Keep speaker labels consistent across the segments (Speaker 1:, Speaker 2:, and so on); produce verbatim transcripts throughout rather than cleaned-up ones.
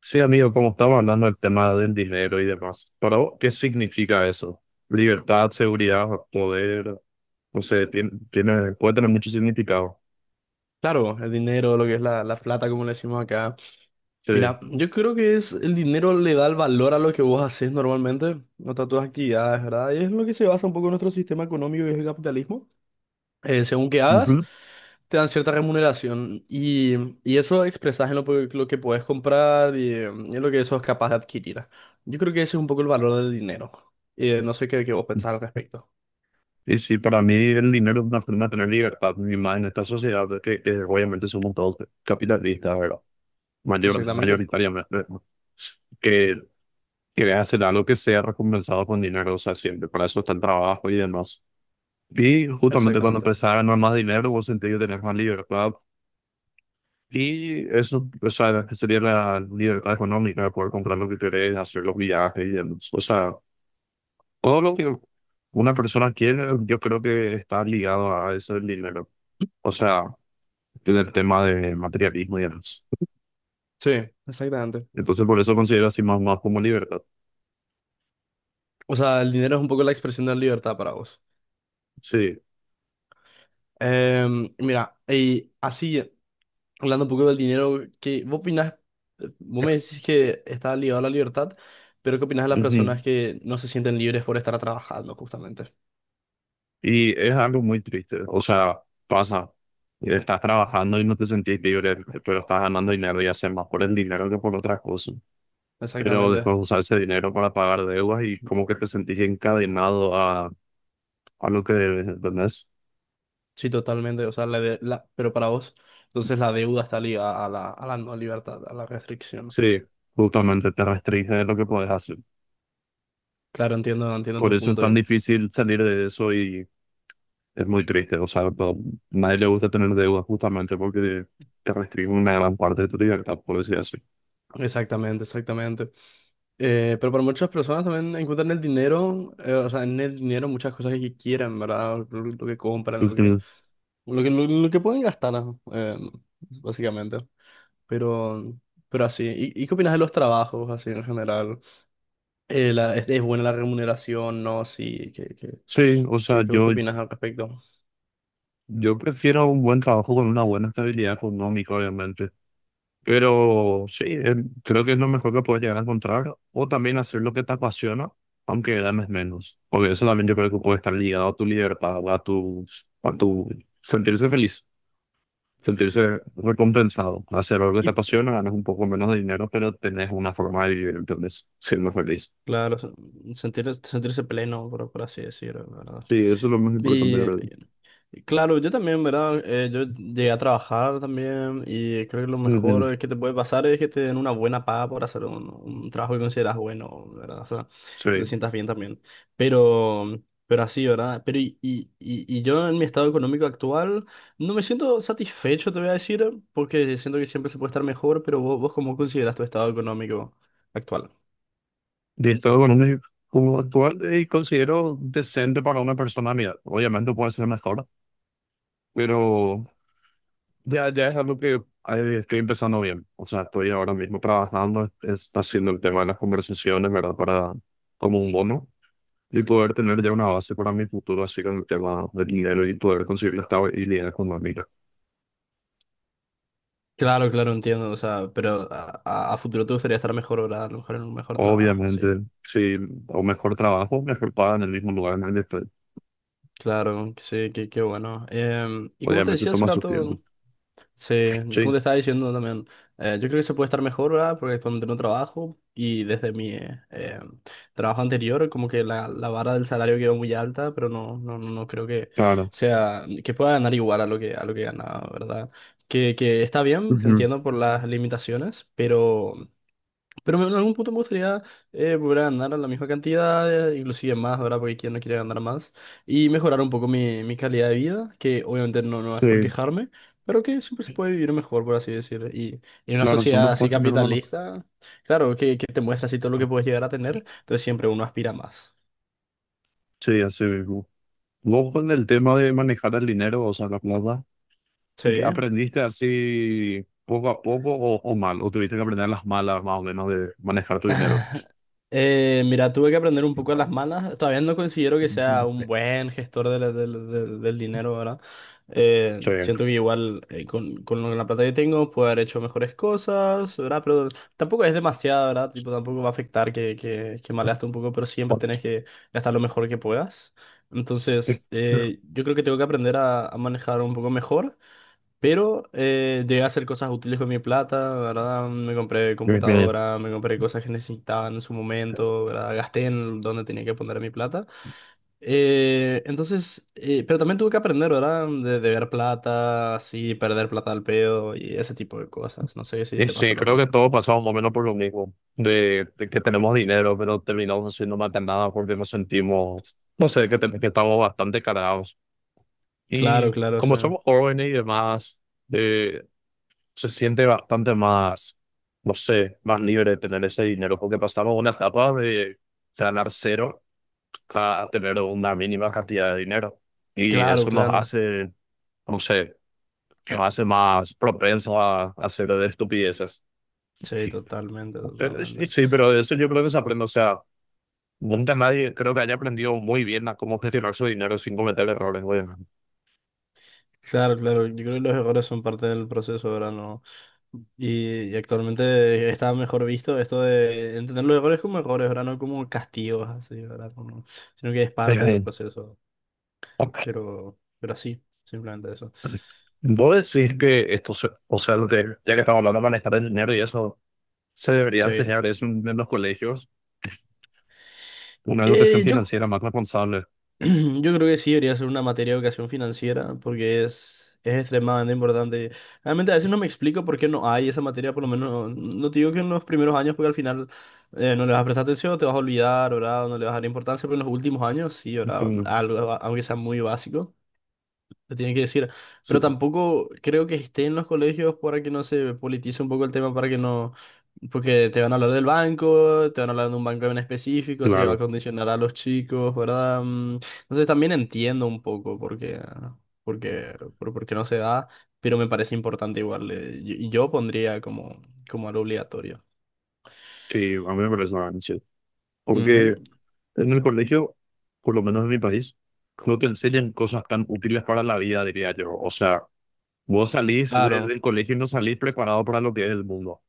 Speaker 1: Sí, amigo, como estamos hablando del tema del dinero y demás, para vos, ¿qué significa eso? Libertad, seguridad, poder, no sé, tiene, tiene- puede tener mucho significado.
Speaker 2: Claro, el dinero, lo que es la, la plata, como le decimos acá.
Speaker 1: Sí.
Speaker 2: Mira, yo creo que es el dinero le da el valor a lo que vos haces normalmente, a todas tus actividades, ¿verdad? Y es lo que se basa un poco en nuestro sistema económico y es el capitalismo. Eh, según que hagas,
Speaker 1: Ujú.
Speaker 2: te dan cierta remuneración y, y eso expresas en lo, pe- lo que puedes comprar y, eh, en lo que eso es capaz de adquirir. Yo creo que ese es un poco el valor del dinero. Eh, no sé qué, qué vos pensás al respecto.
Speaker 1: Y sí, para mí el dinero es una forma de tener libertad, y más en esta sociedad que, que obviamente somos todos capitalistas, ¿verdad? Mayor,
Speaker 2: Exactamente,
Speaker 1: mayoritariamente, ¿no? Que quiere hacer algo que sea recompensado con dinero, o sea, siempre, para eso está el trabajo y demás. Y justamente cuando
Speaker 2: exactamente.
Speaker 1: empezás a ganar más dinero, vos sentís que tenés más libertad. Y eso, o sea, que sería la libertad económica, poder comprar lo que querés, hacer los viajes, y el- O sea, todo lo que una persona quiere, yo creo que está ligado a eso del dinero, o sea, del tema de materialismo y demás.
Speaker 2: Sí, exactamente.
Speaker 1: Entonces, por eso considero así más, más como libertad.
Speaker 2: O sea, el dinero es un poco la expresión de la libertad para vos.
Speaker 1: Sí.
Speaker 2: Em, mira, y así, hablando un poco del dinero, ¿qué, vos opinás? Vos me decís que está ligado a la libertad, pero ¿qué opinás de las
Speaker 1: Ujú.
Speaker 2: personas que no se sienten libres por estar trabajando, justamente?
Speaker 1: Y es algo muy triste, o sea, pasa, estás trabajando y no te sentís libre, pero estás ganando dinero y haces más por el dinero que por otras cosas. Pero
Speaker 2: Exactamente.
Speaker 1: después usar ese dinero para pagar deudas y como que te sentís encadenado a, a lo que debes, ¿entendés?
Speaker 2: Sí, totalmente. O sea, la, de- la- pero para vos, entonces la deuda está ligada a la, a la no libertad, a la restricción.
Speaker 1: Sí, justamente te restringe de lo que puedes hacer.
Speaker 2: Claro, entiendo, entiendo
Speaker 1: Por
Speaker 2: tu
Speaker 1: eso es
Speaker 2: punto.
Speaker 1: tan difícil salir de eso y es muy triste. O sea, to- nadie le gusta tener deudas justamente porque te restringe una gran parte de tu libertad, por decir así.
Speaker 2: Exactamente, exactamente. Eh, pero para muchas personas también encuentran el dinero, eh, o sea, en el dinero muchas cosas que quieran, ¿verdad? Lo, lo que compran, lo que,
Speaker 1: Ujú.
Speaker 2: lo que, lo, lo que pueden gastar, ¿no? eh, básicamente. Pero, pero así. ¿Y, y qué opinas de los trabajos, así en general? Eh, la- es, ¿es buena la remuneración? ¿No? Sí, ¿qué, qué,
Speaker 1: Sí, o sea,
Speaker 2: qué, qué, qué
Speaker 1: yo,
Speaker 2: opinas al respecto?
Speaker 1: yo prefiero un buen trabajo con una buena estabilidad económica, obviamente. Pero sí, eh, creo que es lo mejor que puedes llegar a encontrar. O también hacer lo que te apasiona, aunque ganes menos. Porque eso también yo creo que puede estar ligado a tu libertad, a tu, a tu sentirse feliz, sentirse recompensado. Hacer algo que te
Speaker 2: Y
Speaker 1: apasiona, ganas un poco menos de dinero, pero tenés una forma de vivir, entonces, siendo feliz.
Speaker 2: claro, se- sentir, sentirse pleno, por, por así decirlo, ¿verdad?
Speaker 1: Sí, eso es lo más importante, creo yo.
Speaker 2: Claro, yo también, ¿verdad? Eh, yo llegué a trabajar también y creo que lo
Speaker 1: Mm.
Speaker 2: mejor que te puede pasar es que te den una buena paga por hacer un, un trabajo que consideras bueno, ¿verdad? O sea, que te
Speaker 1: Sí,
Speaker 2: sientas bien también. Pero, pero así, ¿verdad? Pero y, y, y y yo en mi estado económico actual no me siento satisfecho, te voy a decir, porque siento que siempre se puede estar mejor, pero vos, vos, ¿cómo consideras tu estado económico actual?
Speaker 1: de estado económico como actual, y considero decente para una persona mía. Obviamente puede ser mejor, pero. Ya, ya es algo que eh, estoy empezando bien. O sea, estoy ahora mismo trabajando, es, haciendo el tema de las conversaciones, ¿verdad? Para, como un bono, y poder tener ya una base para mi futuro, así con el tema del dinero y poder conseguir la estabilidad económica.
Speaker 2: Claro, claro, entiendo, o sea, pero a, a- a futuro te gustaría estar mejor, ¿verdad? A lo mejor en un mejor trabajo, así.
Speaker 1: Obviamente, sí, o mejor trabajo, mejor paga en el mismo lugar en el que estoy.
Speaker 2: Claro, sí, qué, qué bueno. Em, y como te
Speaker 1: Obviamente
Speaker 2: decía hace
Speaker 1: toma su tiempo.
Speaker 2: rato, sí, como te
Speaker 1: Sí,
Speaker 2: estaba diciendo también, eh, yo creo que se puede estar mejor, ¿verdad? Porque donde no trabajo y desde mi eh, em, trabajo anterior, como que la, la vara del salario quedó muy alta, pero no, no, no no creo que
Speaker 1: claro.
Speaker 2: sea, que pueda ganar igual a lo que, a lo que ganaba, ¿verdad? Que, que está bien, te
Speaker 1: Ujú.
Speaker 2: entiendo por las limitaciones, pero pero me- en algún punto me gustaría eh, volver a ganar a la misma cantidad, eh, inclusive más, ¿verdad? Porque quien no quiere ganar más. Y mejorar un poco mi, mi calidad de vida, que obviamente no, no es por
Speaker 1: Sí,
Speaker 2: quejarme, pero que siempre se puede vivir mejor, por así decirlo. Y, y en una
Speaker 1: claro, son
Speaker 2: sociedad
Speaker 1: las
Speaker 2: así
Speaker 1: primero van a.
Speaker 2: capitalista, claro, que, que te muestra así todo lo que puedes llegar a tener, entonces siempre uno aspira a más.
Speaker 1: Sí, así mismo. Vos con el tema de manejar el dinero, o sea, la plata. ¿Qué?
Speaker 2: Sí.
Speaker 1: ¿Aprendiste así poco a poco o, o mal? ¿O tuviste que aprender las malas más o menos de manejar tu dinero?
Speaker 2: Eh, mira, tuve que aprender un poco de las malas. Todavía no considero que sea un buen gestor de del del- del dinero, ¿verdad?
Speaker 1: Sí.
Speaker 2: Eh, siento que igual eh, con, con lo- la plata que tengo puedo haber hecho mejores cosas, ¿verdad? Pero tampoco es demasiado, ¿verdad? Tipo, tampoco va a afectar que, que, que malgaste un poco, pero siempre tenés que gastar lo mejor que puedas. Entonces, eh, yo creo que tengo que aprender a, a manejar un poco mejor. Pero eh, llegué a hacer cosas útiles con mi plata, ¿verdad? Me compré
Speaker 1: Bien, bien.
Speaker 2: computadora, me compré cosas que necesitaba en su momento, ¿verdad? Gasté en donde tenía que poner mi plata. Eh, entonces, eh, pero también tuve que aprender, ¿verdad? De deber plata, así, perder plata al pedo y ese tipo de cosas. No sé si
Speaker 1: Y
Speaker 2: te pasó
Speaker 1: sí,
Speaker 2: lo
Speaker 1: creo que
Speaker 2: mismo.
Speaker 1: todos pasamos más o menos por lo mismo, de, de que tenemos dinero, pero terminamos haciendo más de nada porque nos sentimos, no sé, que, te- que estamos bastante cargados.
Speaker 2: Claro,
Speaker 1: Y
Speaker 2: claro,
Speaker 1: como
Speaker 2: sí.
Speaker 1: somos jóvenes y demás, se siente bastante más, no sé, más libre tener ese dinero, porque pasamos una etapa de ganar cero a tener una mínima cantidad de dinero. Y
Speaker 2: Claro,
Speaker 1: eso nos
Speaker 2: claro.
Speaker 1: hace, no sé, nos hace más propensos a, a hacer estupideces.
Speaker 2: Sí,
Speaker 1: Sí.
Speaker 2: totalmente,
Speaker 1: Pero sí,
Speaker 2: totalmente.
Speaker 1: sí, pero eso yo creo que se aprende. O sea, nunca nadie creo que haya aprendido muy bien a cómo gestionar su dinero sin cometer errores, güey.
Speaker 2: Claro, claro, yo creo que los errores son parte del proceso, ¿verdad? No. Y, y actualmente está mejor visto esto de entender los errores como errores, ¿verdad? No como castigos, así, ¿verdad? Como- sino que es parte del
Speaker 1: Eh,
Speaker 2: proceso,
Speaker 1: ok.
Speaker 2: pero, pero así, simplemente eso.
Speaker 1: Vos decís que esto, se- o sea, de, ya que estamos hablando de manejar el dinero y eso, se debería
Speaker 2: Sí.
Speaker 1: enseñar eso en en los colegios, una educación
Speaker 2: Eh, yo
Speaker 1: financiera más responsable.
Speaker 2: yo creo que sí debería ser una materia de educación financiera porque es, es extremadamente importante. Realmente a veces no me explico por qué no hay esa materia, por lo menos no te digo que en los primeros años porque al final eh, no le vas a prestar atención, te vas a olvidar, ¿verdad? No le vas a dar importancia, pero en los últimos años sí, ¿verdad?
Speaker 1: Mm.
Speaker 2: Algo, aunque sea muy básico. Te tienen que decir.
Speaker 1: Sí,
Speaker 2: Pero tampoco creo que esté en los colegios para que no se politice un poco el tema, para que no. Porque te van a hablar del banco, te van a hablar de un banco en específico, se va a
Speaker 1: claro,
Speaker 2: condicionar a los chicos, ¿verdad? Mm, entonces también entiendo un poco por qué, por qué- por, por qué no se da, pero me parece importante igual. eh, Y y yo pondría como, como algo obligatorio.
Speaker 1: sí, a mí me parece una ganancia.
Speaker 2: Ujú.
Speaker 1: Porque en el colegio, por lo menos en mi país, no te enseñan cosas tan útiles para la vida, diría yo. O sea, vos salís de-
Speaker 2: Claro,
Speaker 1: del colegio y no salís preparado para lo que es el mundo.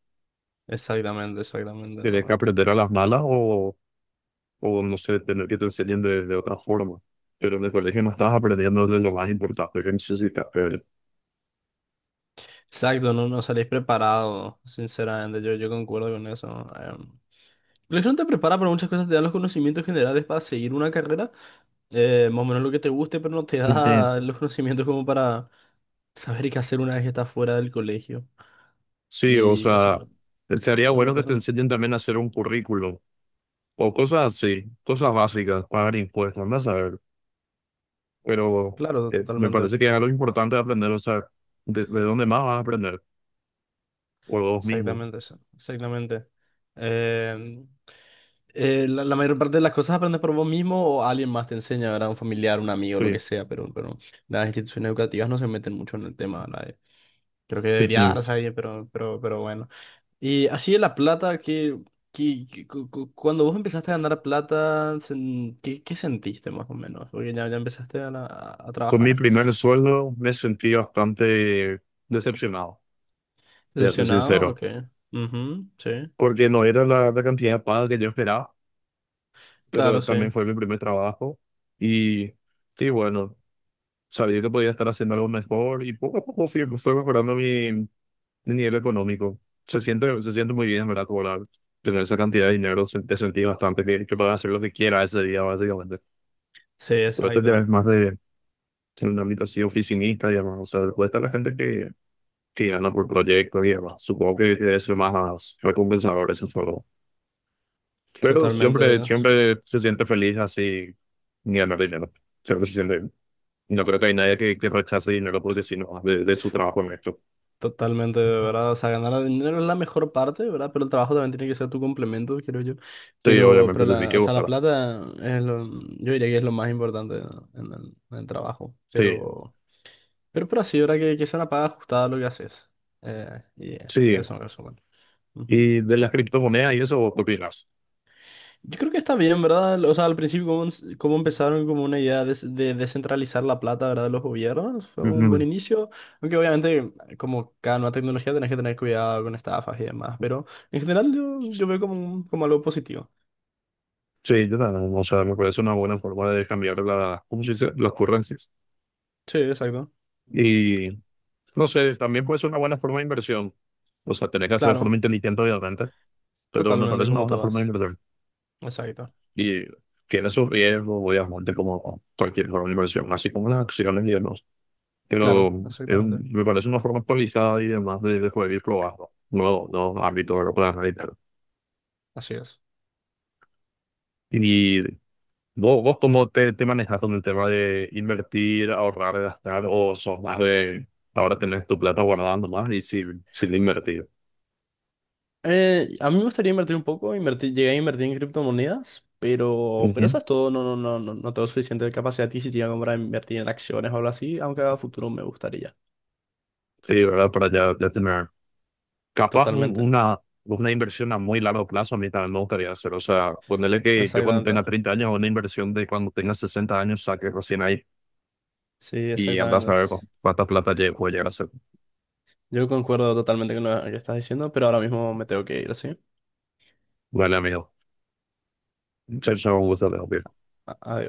Speaker 2: exactamente, exactamente,
Speaker 1: Tienes que
Speaker 2: ¿no?
Speaker 1: aprender a las malas o, o no sé, tener que te enseñen de, de otra forma. Pero en el colegio no estás aprendiendo de lo más importante que necesitas. pero-
Speaker 2: Exacto, no, no salís preparado, sinceramente, yo, yo concuerdo con eso. Em. La lección te prepara para muchas cosas, te da los conocimientos generales para seguir una carrera, eh, más o menos lo que te guste, pero no te
Speaker 1: eh,
Speaker 2: da los conocimientos como para saber qué hacer una vez que estás fuera del colegio.
Speaker 1: Sí, o
Speaker 2: Y
Speaker 1: sea,
Speaker 2: eso,
Speaker 1: sería
Speaker 2: eso me
Speaker 1: bueno que
Speaker 2: parece,
Speaker 1: te
Speaker 2: un-
Speaker 1: enseñen también a hacer un currículum o cosas así, cosas básicas, pagar impuestos, anda a saber. Pero
Speaker 2: claro,
Speaker 1: eh, me
Speaker 2: totalmente.
Speaker 1: parece que es algo importante de aprender, o sea, de, de dónde más vas a aprender, por vos mismo.
Speaker 2: Exactamente eso, exactamente. Em, eh, la, la mayor parte de las cosas aprendes por vos mismo o alguien más te enseña, ¿verdad? Un familiar, un amigo, lo
Speaker 1: Sí.
Speaker 2: que sea, pero, pero las instituciones educativas no se meten mucho en el tema, ¿verdad? Eh, Creo que debería
Speaker 1: Ujú.
Speaker 2: darse ahí, pero, pero, pero bueno. Y así de la plata, que, que, que- cu- cu- cuando vos empezaste a ganar plata, sen- ¿qué, qué sentiste más o menos? Porque ya, ya empezaste a, la- a- a
Speaker 1: Con mi
Speaker 2: trabajar.
Speaker 1: primer sueldo me sentí bastante decepcionado, te soy
Speaker 2: ¿Decepcionado?
Speaker 1: sincero,
Speaker 2: Ok. Ujú, sí.
Speaker 1: porque no era la, la cantidad de paga que yo esperaba,
Speaker 2: Claro,
Speaker 1: pero
Speaker 2: sí.
Speaker 1: también fue mi primer trabajo y, sí, bueno. Sabía que podía estar haciendo algo mejor y poco a poco fui, fue mejorando mi, mi nivel económico. Se siente, se siente muy bien, en ¿verdad? Cobrar, tener esa cantidad de dinero, se- te sentí bastante bien, que puedas hacer lo que quieras ese día, básicamente.
Speaker 2: Sí,
Speaker 1: Pero este ya es
Speaker 2: exacto.
Speaker 1: más de ser un ámbito así oficinista y demás. O sea, después está la gente que, que gana por proyecto y demás. Supongo que debe ser más recompensador ese juego. Pero
Speaker 2: Totalmente.
Speaker 1: siempre, siempre se siente feliz así ni ganar dinero. Siempre se siente, no creo que hay nadie que, que rechace dinero porque si no, de, de su trabajo en esto.
Speaker 2: Totalmente, ¿verdad? O sea, ganar dinero es la mejor parte, ¿verdad? Pero el trabajo también tiene que ser tu complemento, creo yo.
Speaker 1: Sí,
Speaker 2: Pero,
Speaker 1: obviamente
Speaker 2: pero
Speaker 1: te tiene
Speaker 2: la,
Speaker 1: que
Speaker 2: o sea, la
Speaker 1: gustar.
Speaker 2: plata es lo, yo diría que es lo más importante en el, en el trabajo.
Speaker 1: Sí,
Speaker 2: Pero, pero, pero así, ¿verdad? Que, que sea una paga ajustada a lo que haces. Eh, y
Speaker 1: sí.
Speaker 2: eso en resumen. Ujú.
Speaker 1: Y de las criptomonedas y eso, ¿qué opinas?
Speaker 2: Yo creo que está bien, ¿verdad? O sea, al principio, como, ens- como empezaron como una idea de, de descentralizar la plata, ¿verdad? De los gobiernos, fue un buen
Speaker 1: Ujú.
Speaker 2: inicio. Aunque obviamente, como cada nueva tecnología, tenés que tener cuidado con estafas y demás. Pero en general, yo, yo veo como, un- como algo positivo.
Speaker 1: Sí, yo también. O sea, me parece una buena forma de cambiar las, ¿cómo se dice? Las currencias.
Speaker 2: Sí, exacto.
Speaker 1: Y no sé, también puede ser una buena forma de inversión. O sea, tenés que hacer de
Speaker 2: Claro,
Speaker 1: forma inteligente, obviamente, pero me
Speaker 2: totalmente,
Speaker 1: parece una
Speaker 2: como
Speaker 1: buena forma de
Speaker 2: todas.
Speaker 1: inversión.
Speaker 2: Exacto.
Speaker 1: Y tiene sus riesgos, obviamente, como cualquier forma de inversión, así como las acciones y demás.
Speaker 2: Claro,
Speaker 1: Pero es
Speaker 2: exactamente.
Speaker 1: un- me parece una forma actualizada y demás de, de poder ir probando. No, no, ámbito de la.
Speaker 2: Así es.
Speaker 1: ¿Y vos, vos cómo te, te manejas con el tema de invertir, ahorrar, gastar, o sos más de ahora tenés tu plata guardando más y sin, sin invertir?
Speaker 2: Eh, a mí me gustaría invertir un poco, invertí- llegué a invertir en criptomonedas, pero, pero eso
Speaker 1: Entiendo.
Speaker 2: es todo, no, no, no, no, no tengo suficiente capacidad adquisitiva como para invertir en acciones o algo así, aunque a futuro me gustaría.
Speaker 1: Sí, ¿verdad? Para ya, ya tener capaz un-
Speaker 2: Totalmente,
Speaker 1: una, una inversión a muy largo plazo, a mí también me gustaría hacer. O sea, ponerle que yo cuando
Speaker 2: exactamente.
Speaker 1: tenga treinta años, una inversión de cuando tenga sesenta años, saque recién ahí
Speaker 2: Sí,
Speaker 1: y andás a
Speaker 2: exactamente.
Speaker 1: ver cu- cuánta plata lle- puedo llegar a hacer.
Speaker 2: Yo concuerdo totalmente con lo que estás diciendo, pero ahora mismo me tengo que ir, ¿sí?
Speaker 1: Vale, amigo. Chao, chao, un gusto, Leo.
Speaker 2: A- Adiós.